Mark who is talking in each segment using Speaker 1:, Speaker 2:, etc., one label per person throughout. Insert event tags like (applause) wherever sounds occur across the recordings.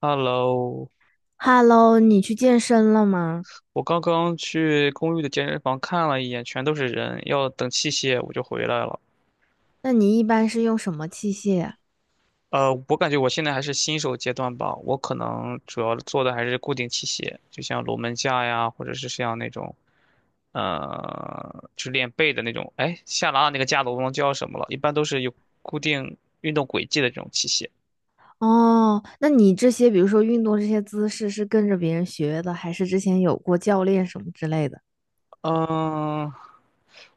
Speaker 1: Hello，
Speaker 2: Hello，你去健身了吗？
Speaker 1: 我刚刚去公寓的健身房看了一眼，全都是人，要等器械我就回来了。
Speaker 2: 那你一般是用什么器械啊？
Speaker 1: 我感觉我现在还是新手阶段吧，我可能主要做的还是固定器械，就像龙门架呀，或者是像那种，去练背的那种。哎，下拉那个架子我忘了叫什么了，一般都是有固定运动轨迹的这种器械。
Speaker 2: 哦，那你这些，比如说运动这些姿势，是跟着别人学的，还是之前有过教练什么之类的？
Speaker 1: 嗯、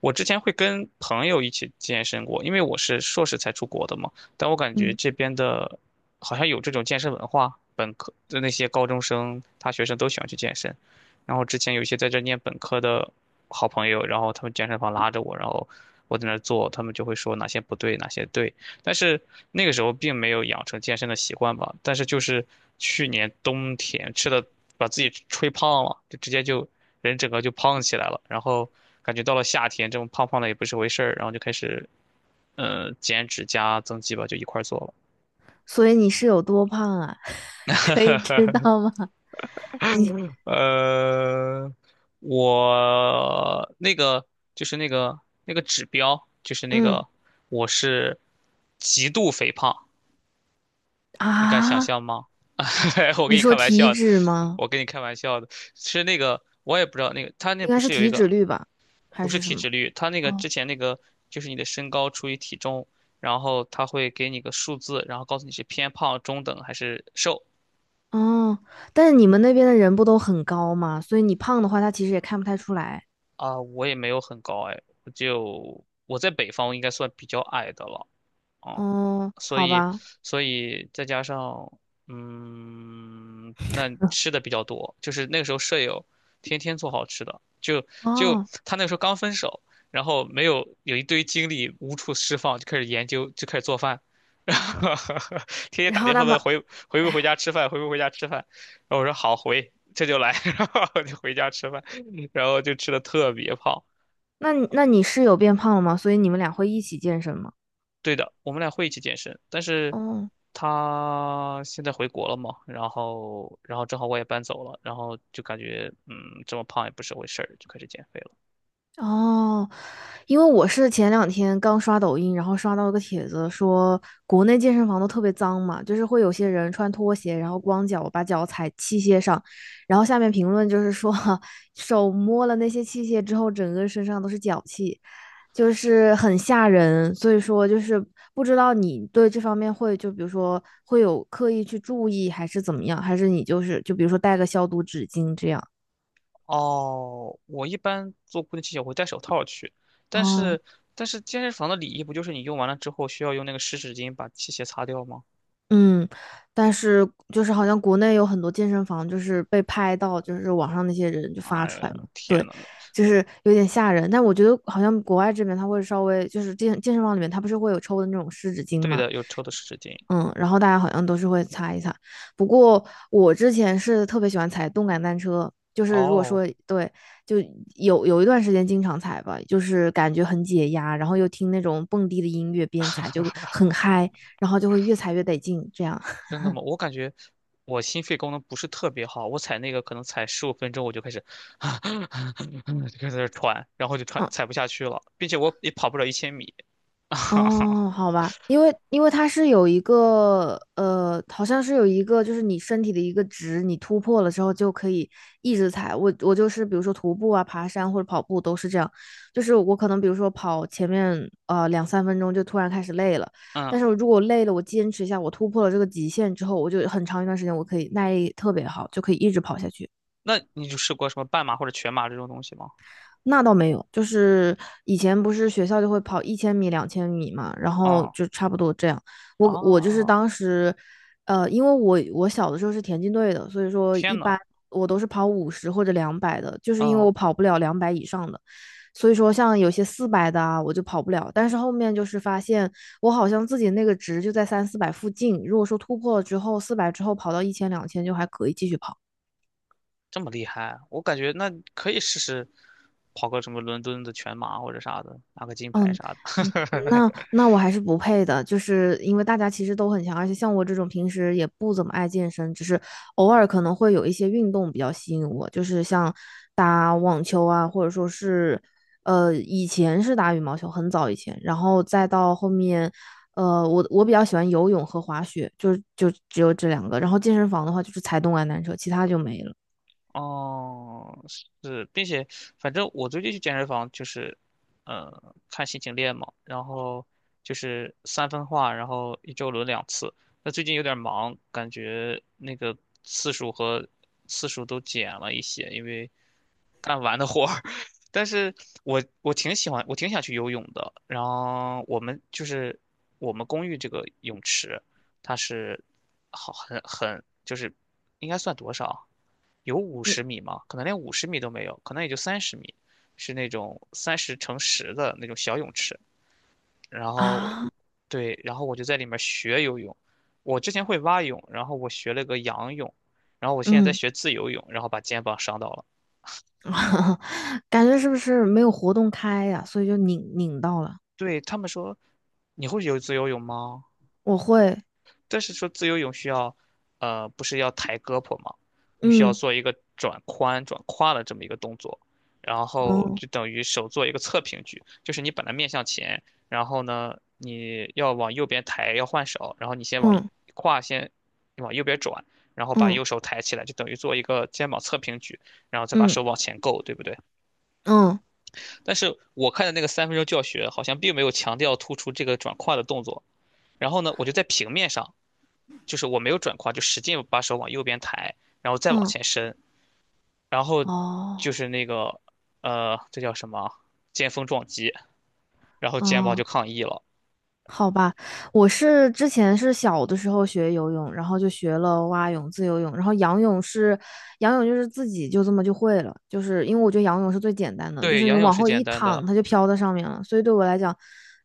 Speaker 1: 我之前会跟朋友一起健身过，因为我是硕士才出国的嘛，但我感觉
Speaker 2: 嗯，
Speaker 1: 这边的，好像有这种健身文化，本科的那些高中生、大学生都喜欢去健身。然后之前有一些在这念本科的好朋友，然后他们健身房拉着我，然后我在那儿做，他们就会说哪些不对，哪些对，但是那个时候并没有养成健身的习惯吧。但是就是去年冬天吃的，把自己吹胖了，就直接就人整个就胖起来了。然后感觉到了夏天，这么胖胖的也不是回事儿，然后就开始减脂加增肌吧，就一块儿做了。
Speaker 2: 所以你是有多胖啊？(laughs) 可以知道吗？
Speaker 1: 呃，我那个就是那个指标，就是那
Speaker 2: 嗯，
Speaker 1: 个我是极度肥胖，你敢想
Speaker 2: 啊，
Speaker 1: 象吗？(laughs) 我
Speaker 2: 你
Speaker 1: 跟你
Speaker 2: 说
Speaker 1: 开玩
Speaker 2: 体
Speaker 1: 笑的，
Speaker 2: 脂吗？
Speaker 1: 我跟你开玩笑的，其实那个我也不知道那个他那
Speaker 2: 应
Speaker 1: 不
Speaker 2: 该是
Speaker 1: 是有一
Speaker 2: 体
Speaker 1: 个
Speaker 2: 脂率吧，还
Speaker 1: 不是
Speaker 2: 是什
Speaker 1: 体
Speaker 2: 么？
Speaker 1: 脂率，他那个
Speaker 2: 哦
Speaker 1: 之前那个就是你的身高除以体重，然后他会给你个数字，然后告诉你是偏胖、中等还是瘦
Speaker 2: 哦，但是你们那边的人不都很高吗？所以你胖的话，他其实也看不太出来。
Speaker 1: 啊。我也没有很高哎，我就我在北方应该算比较矮的了，嗯
Speaker 2: 哦，
Speaker 1: 所
Speaker 2: 好
Speaker 1: 以，
Speaker 2: 吧。
Speaker 1: 再加上，那吃的比较多，就是那个时候舍友天天做好吃的，就
Speaker 2: 哦。
Speaker 1: 他那个时候刚分手，然后没有有一堆精力无处释放，就开始研究，就开始做饭，(laughs) 然后天天
Speaker 2: 然
Speaker 1: 打
Speaker 2: 后
Speaker 1: 电话
Speaker 2: 那
Speaker 1: 问
Speaker 2: 么。
Speaker 1: 回不回家吃饭，回不回家吃饭，然后我说好回，这就来，(laughs) 然后我就回家吃饭，然后就吃的特别胖。
Speaker 2: 那你室友变胖了吗？所以你们俩会一起健身吗？
Speaker 1: 对的，我们俩会一起健身，但是
Speaker 2: 哦，
Speaker 1: 他现在回国了嘛，然后正好我也搬走了，然后就感觉这么胖也不是回事儿，就开始减肥了。
Speaker 2: 哦，因为我是前两天刚刷抖音，然后刷到一个帖子说，国内健身房都特别脏嘛，就是会有些人穿拖鞋，然后光脚把脚踩器械上，然后下面评论就是说，(laughs) 手摸了那些器械之后，整个身上都是脚气，就是很吓人。所以说，就是不知道你对这方面会就比如说会有刻意去注意，还是怎么样，还是你就是就比如说带个消毒纸巾这样。
Speaker 1: 哦，我一般做固定器械我会戴手套去，但
Speaker 2: 哦。
Speaker 1: 是但是健身房的礼仪不就是你用完了之后需要用那个湿纸巾把器械擦掉吗？
Speaker 2: 嗯，但是就是好像国内有很多健身房，就是被拍到，就是网上那些人就发
Speaker 1: 哎
Speaker 2: 出来
Speaker 1: 呀，
Speaker 2: 嘛，
Speaker 1: 天
Speaker 2: 对，
Speaker 1: 呐，
Speaker 2: 就是有点吓人。但我觉得好像国外这边他会稍微就是健身房里面他不是会有抽的那种湿纸巾
Speaker 1: 对
Speaker 2: 嘛，
Speaker 1: 的，有抽的湿纸巾。
Speaker 2: 嗯，然后大家好像都是会擦一擦。不过我之前是特别喜欢踩动感单车，就是如果
Speaker 1: 哦，
Speaker 2: 说对，就有一段时间经常踩吧，就是感觉很解压，然后又听那种蹦迪的音乐边踩就很嗨，然后就会越踩越得劲这样。
Speaker 1: 真的吗？我感觉我心肺功能不是特别好，我踩那个可能踩15分钟我就开始 (laughs) 就开始在那儿喘，然后就喘
Speaker 2: 嗯。
Speaker 1: 踩不下去了，并且我也跑不了1000米。(laughs)
Speaker 2: 哦，好吧，因为它是有一个好像是有一个就是你身体的一个值，你突破了之后就可以一直踩。我就是比如说徒步啊、爬山或者跑步都是这样，就是我可能比如说跑前面两三分钟就突然开始累了，
Speaker 1: 嗯，
Speaker 2: 但是如果累了我坚持一下，我突破了这个极限之后，我就很长一段时间我可以耐力特别好，就可以一直跑下去。
Speaker 1: 那你就试过什么半马或者全马这种东西吗？
Speaker 2: 那倒没有，就是以前不是学校就会跑1000米、2000米嘛，然后
Speaker 1: 啊、
Speaker 2: 就差不多这样。我就是
Speaker 1: 啊！
Speaker 2: 当时，因为我小的时候是田径队的，所以说一
Speaker 1: 天呐，
Speaker 2: 般我都是跑50或者两百的，就是因为
Speaker 1: 嗯，
Speaker 2: 我跑不了两百以上的，所以说像有些四百的啊，我就跑不了。但是后面就是发现我好像自己那个值就在三四百附近，如果说突破了之后，四百之后跑到一千、两千就还可以继续跑。
Speaker 1: 这么厉害啊，我感觉那可以试试跑个什么伦敦的全马或者啥的，拿个金牌
Speaker 2: 嗯
Speaker 1: 啥
Speaker 2: 嗯，
Speaker 1: 的。
Speaker 2: 那
Speaker 1: (laughs)
Speaker 2: 那我还是不配的，就是因为大家其实都很强，而且像我这种平时也不怎么爱健身，只是偶尔可能会有一些运动比较吸引我，就是像打网球啊，或者说是以前是打羽毛球，很早以前，然后再到后面，我比较喜欢游泳和滑雪，就只有这两个，然后健身房的话就是踩动感单车，其他就没了。
Speaker 1: 哦，是，并且反正我最近去健身房就是，看心情练嘛，然后就是3分化，然后一周轮两次。那最近有点忙，感觉那个次数和次数都减了一些，因为干完的活儿。(laughs) 但是我挺喜欢，我挺想去游泳的。然后我们公寓这个泳池，它是好很就是应该算多少啊？有五
Speaker 2: 嗯
Speaker 1: 十米吗？可能连五十米都没有，可能也就30米，是那种30×10的那种小泳池。然后我，
Speaker 2: 啊，
Speaker 1: 对，然后我就在里面学游泳。我之前会蛙泳，然后我学了个仰泳，然后我现在在
Speaker 2: 嗯。
Speaker 1: 学自由泳，然后把肩膀伤到了。
Speaker 2: (laughs) 感觉是不是没有活动开呀？所以就拧到了。
Speaker 1: 对，他们说，你会游自由泳吗？
Speaker 2: 我会，
Speaker 1: 但是说自由泳需要，不是要抬胳膊吗？你需要
Speaker 2: 嗯，
Speaker 1: 做一个转髋、转胯的这么一个动作，然后
Speaker 2: 哦，
Speaker 1: 就等于手做一个侧平举，就是你本来面向前，然后呢，你要往右边抬，要换手，然后你先往
Speaker 2: 嗯
Speaker 1: 胯先往右边转，然后把
Speaker 2: 嗯
Speaker 1: 右手抬起来，就等于做一个肩膀侧平举，然后再把
Speaker 2: 嗯
Speaker 1: 手往前够，对不对？
Speaker 2: 嗯嗯
Speaker 1: 但是我看的那个3分钟教学好像并没有强调突出这个转胯的动作，然后呢，我就在平面上。就是我没有转胯，就使劲把手往右边抬，然后再往
Speaker 2: 嗯，
Speaker 1: 前伸，然后就
Speaker 2: 哦
Speaker 1: 是那个这叫什么？肩峰撞击，然后肩膀
Speaker 2: 哦。
Speaker 1: 就抗议了。
Speaker 2: 好吧，我是之前是小的时候学游泳，然后就学了蛙泳、自由泳，然后仰泳是，仰泳就是自己就这么就会了，就是因为我觉得仰泳是最简单的，就
Speaker 1: 对，
Speaker 2: 是你
Speaker 1: 仰泳
Speaker 2: 往
Speaker 1: 是
Speaker 2: 后
Speaker 1: 简
Speaker 2: 一
Speaker 1: 单的，
Speaker 2: 躺，它就飘在上面了，所以对我来讲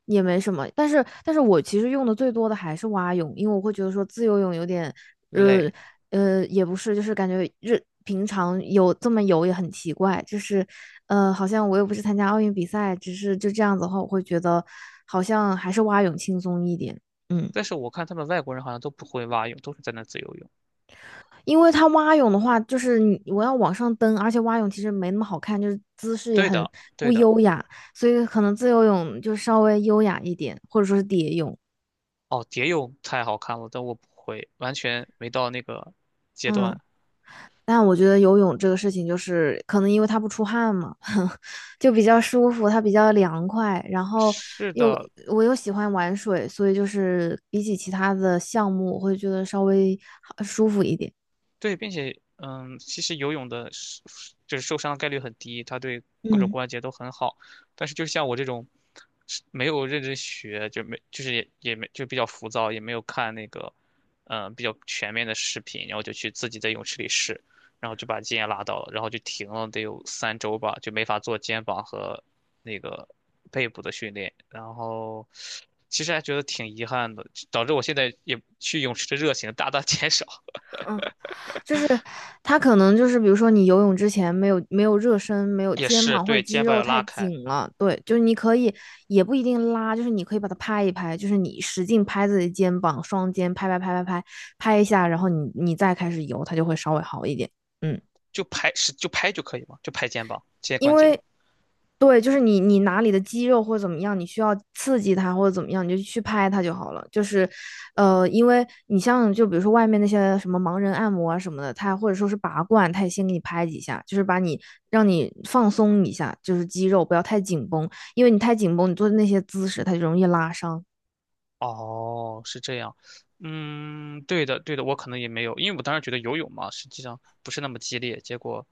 Speaker 2: 也没什么。但是，但是我其实用的最多的还是蛙泳，因为我会觉得说自由泳有点，呃，
Speaker 1: 累，
Speaker 2: 也不是，就是感觉日平常有这么游也很奇怪，就是好像我又不是参加奥运比赛，只是就这样子的话，我会觉得好像还是蛙泳轻松一点。嗯，
Speaker 1: 但是我看他们外国人好像都不会蛙泳，都是在那自由泳。
Speaker 2: 因为它蛙泳的话，就是你我要往上蹬，而且蛙泳其实没那么好看，就是姿势也
Speaker 1: 对
Speaker 2: 很
Speaker 1: 的，对
Speaker 2: 不
Speaker 1: 的。
Speaker 2: 优雅，所以可能自由泳就稍微优雅一点，或者说是蝶泳。
Speaker 1: 哦，蝶泳太好看了，但我不会，完全没到那个阶
Speaker 2: 嗯，
Speaker 1: 段。
Speaker 2: 但我觉得游泳这个事情，就是可能因为它不出汗嘛。(laughs) 就比较舒服，它比较凉快，然后
Speaker 1: 是
Speaker 2: 又
Speaker 1: 的，
Speaker 2: 我又喜欢玩水，所以就是比起其他的项目，我会觉得稍微好舒服一点。
Speaker 1: 对，并且，其实游泳的是，就是受伤概率很低，它对各种
Speaker 2: 嗯
Speaker 1: 关节都很好。但是，就像我这种是没有认真学，就没，就是也没，就比较浮躁，也没有看那个，比较全面的视频，然后就去自己在泳池里试，然后就把肩也拉到了，然后就停了得有3周吧，就没法做肩膀和那个背部的训练。然后，其实还觉得挺遗憾的，导致我现在也去泳池的热情大大减少。
Speaker 2: 嗯，就是它可能就是比如说你游泳之前没有热身，没有
Speaker 1: 也
Speaker 2: 肩
Speaker 1: 是
Speaker 2: 膀或者
Speaker 1: 对
Speaker 2: 肌
Speaker 1: 肩膀
Speaker 2: 肉
Speaker 1: 要
Speaker 2: 太
Speaker 1: 拉开，
Speaker 2: 紧了，对，就是你可以也不一定拉，就是你可以把它拍一拍，就是你使劲拍自己的肩膀，双肩拍拍拍拍拍拍一下，然后你再开始游，它就会稍微好一点。嗯。
Speaker 1: 就拍就可以嘛，就拍肩膀、肩关
Speaker 2: 因
Speaker 1: 节。
Speaker 2: 为对，就是你哪里的肌肉或者怎么样，你需要刺激它或者怎么样，你就去拍它就好了。就是，因为你像就比如说外面那些什么盲人按摩啊什么的，他或者说是拔罐，他也先给你拍几下，就是把你让你放松一下，就是肌肉不要太紧绷，因为你太紧绷，你做的那些姿势它就容易拉伤。
Speaker 1: 哦，是这样。嗯，对的，对的，我可能也没有，因为我当时觉得游泳嘛，实际上不是那么激烈。结果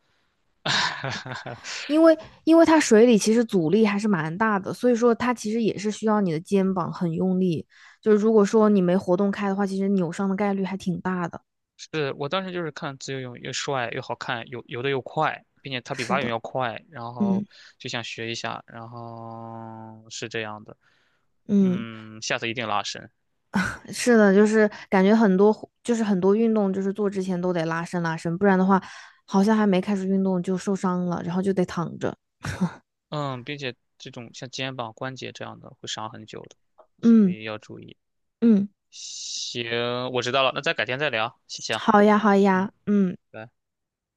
Speaker 2: 因为因为它水里其实阻力还是蛮大的，所以说它其实也是需要你的肩膀很用力。就是如果说你没活动开的话，其实扭伤的概率还挺大的。
Speaker 1: 是我当时就是看自由泳又帅又好看，游的又快，并且它比
Speaker 2: 是
Speaker 1: 蛙泳
Speaker 2: 的，
Speaker 1: 要快，然后
Speaker 2: 嗯
Speaker 1: 就想学一下，然后是这样的。
Speaker 2: 嗯，
Speaker 1: 嗯，下次一定拉伸。
Speaker 2: 是的，就是感觉很多就是很多运动，就是做之前都得拉伸拉伸，不然的话，好像还没开始运动就受伤了，然后就得躺着。
Speaker 1: 嗯，并且这种像肩膀关节这样的会伤很久的，所
Speaker 2: 嗯
Speaker 1: 以要注意。
Speaker 2: 嗯，
Speaker 1: 行，我知道了，那再改天再聊，谢谢啊。
Speaker 2: 好呀好
Speaker 1: 嗯，
Speaker 2: 呀，嗯。
Speaker 1: 拜。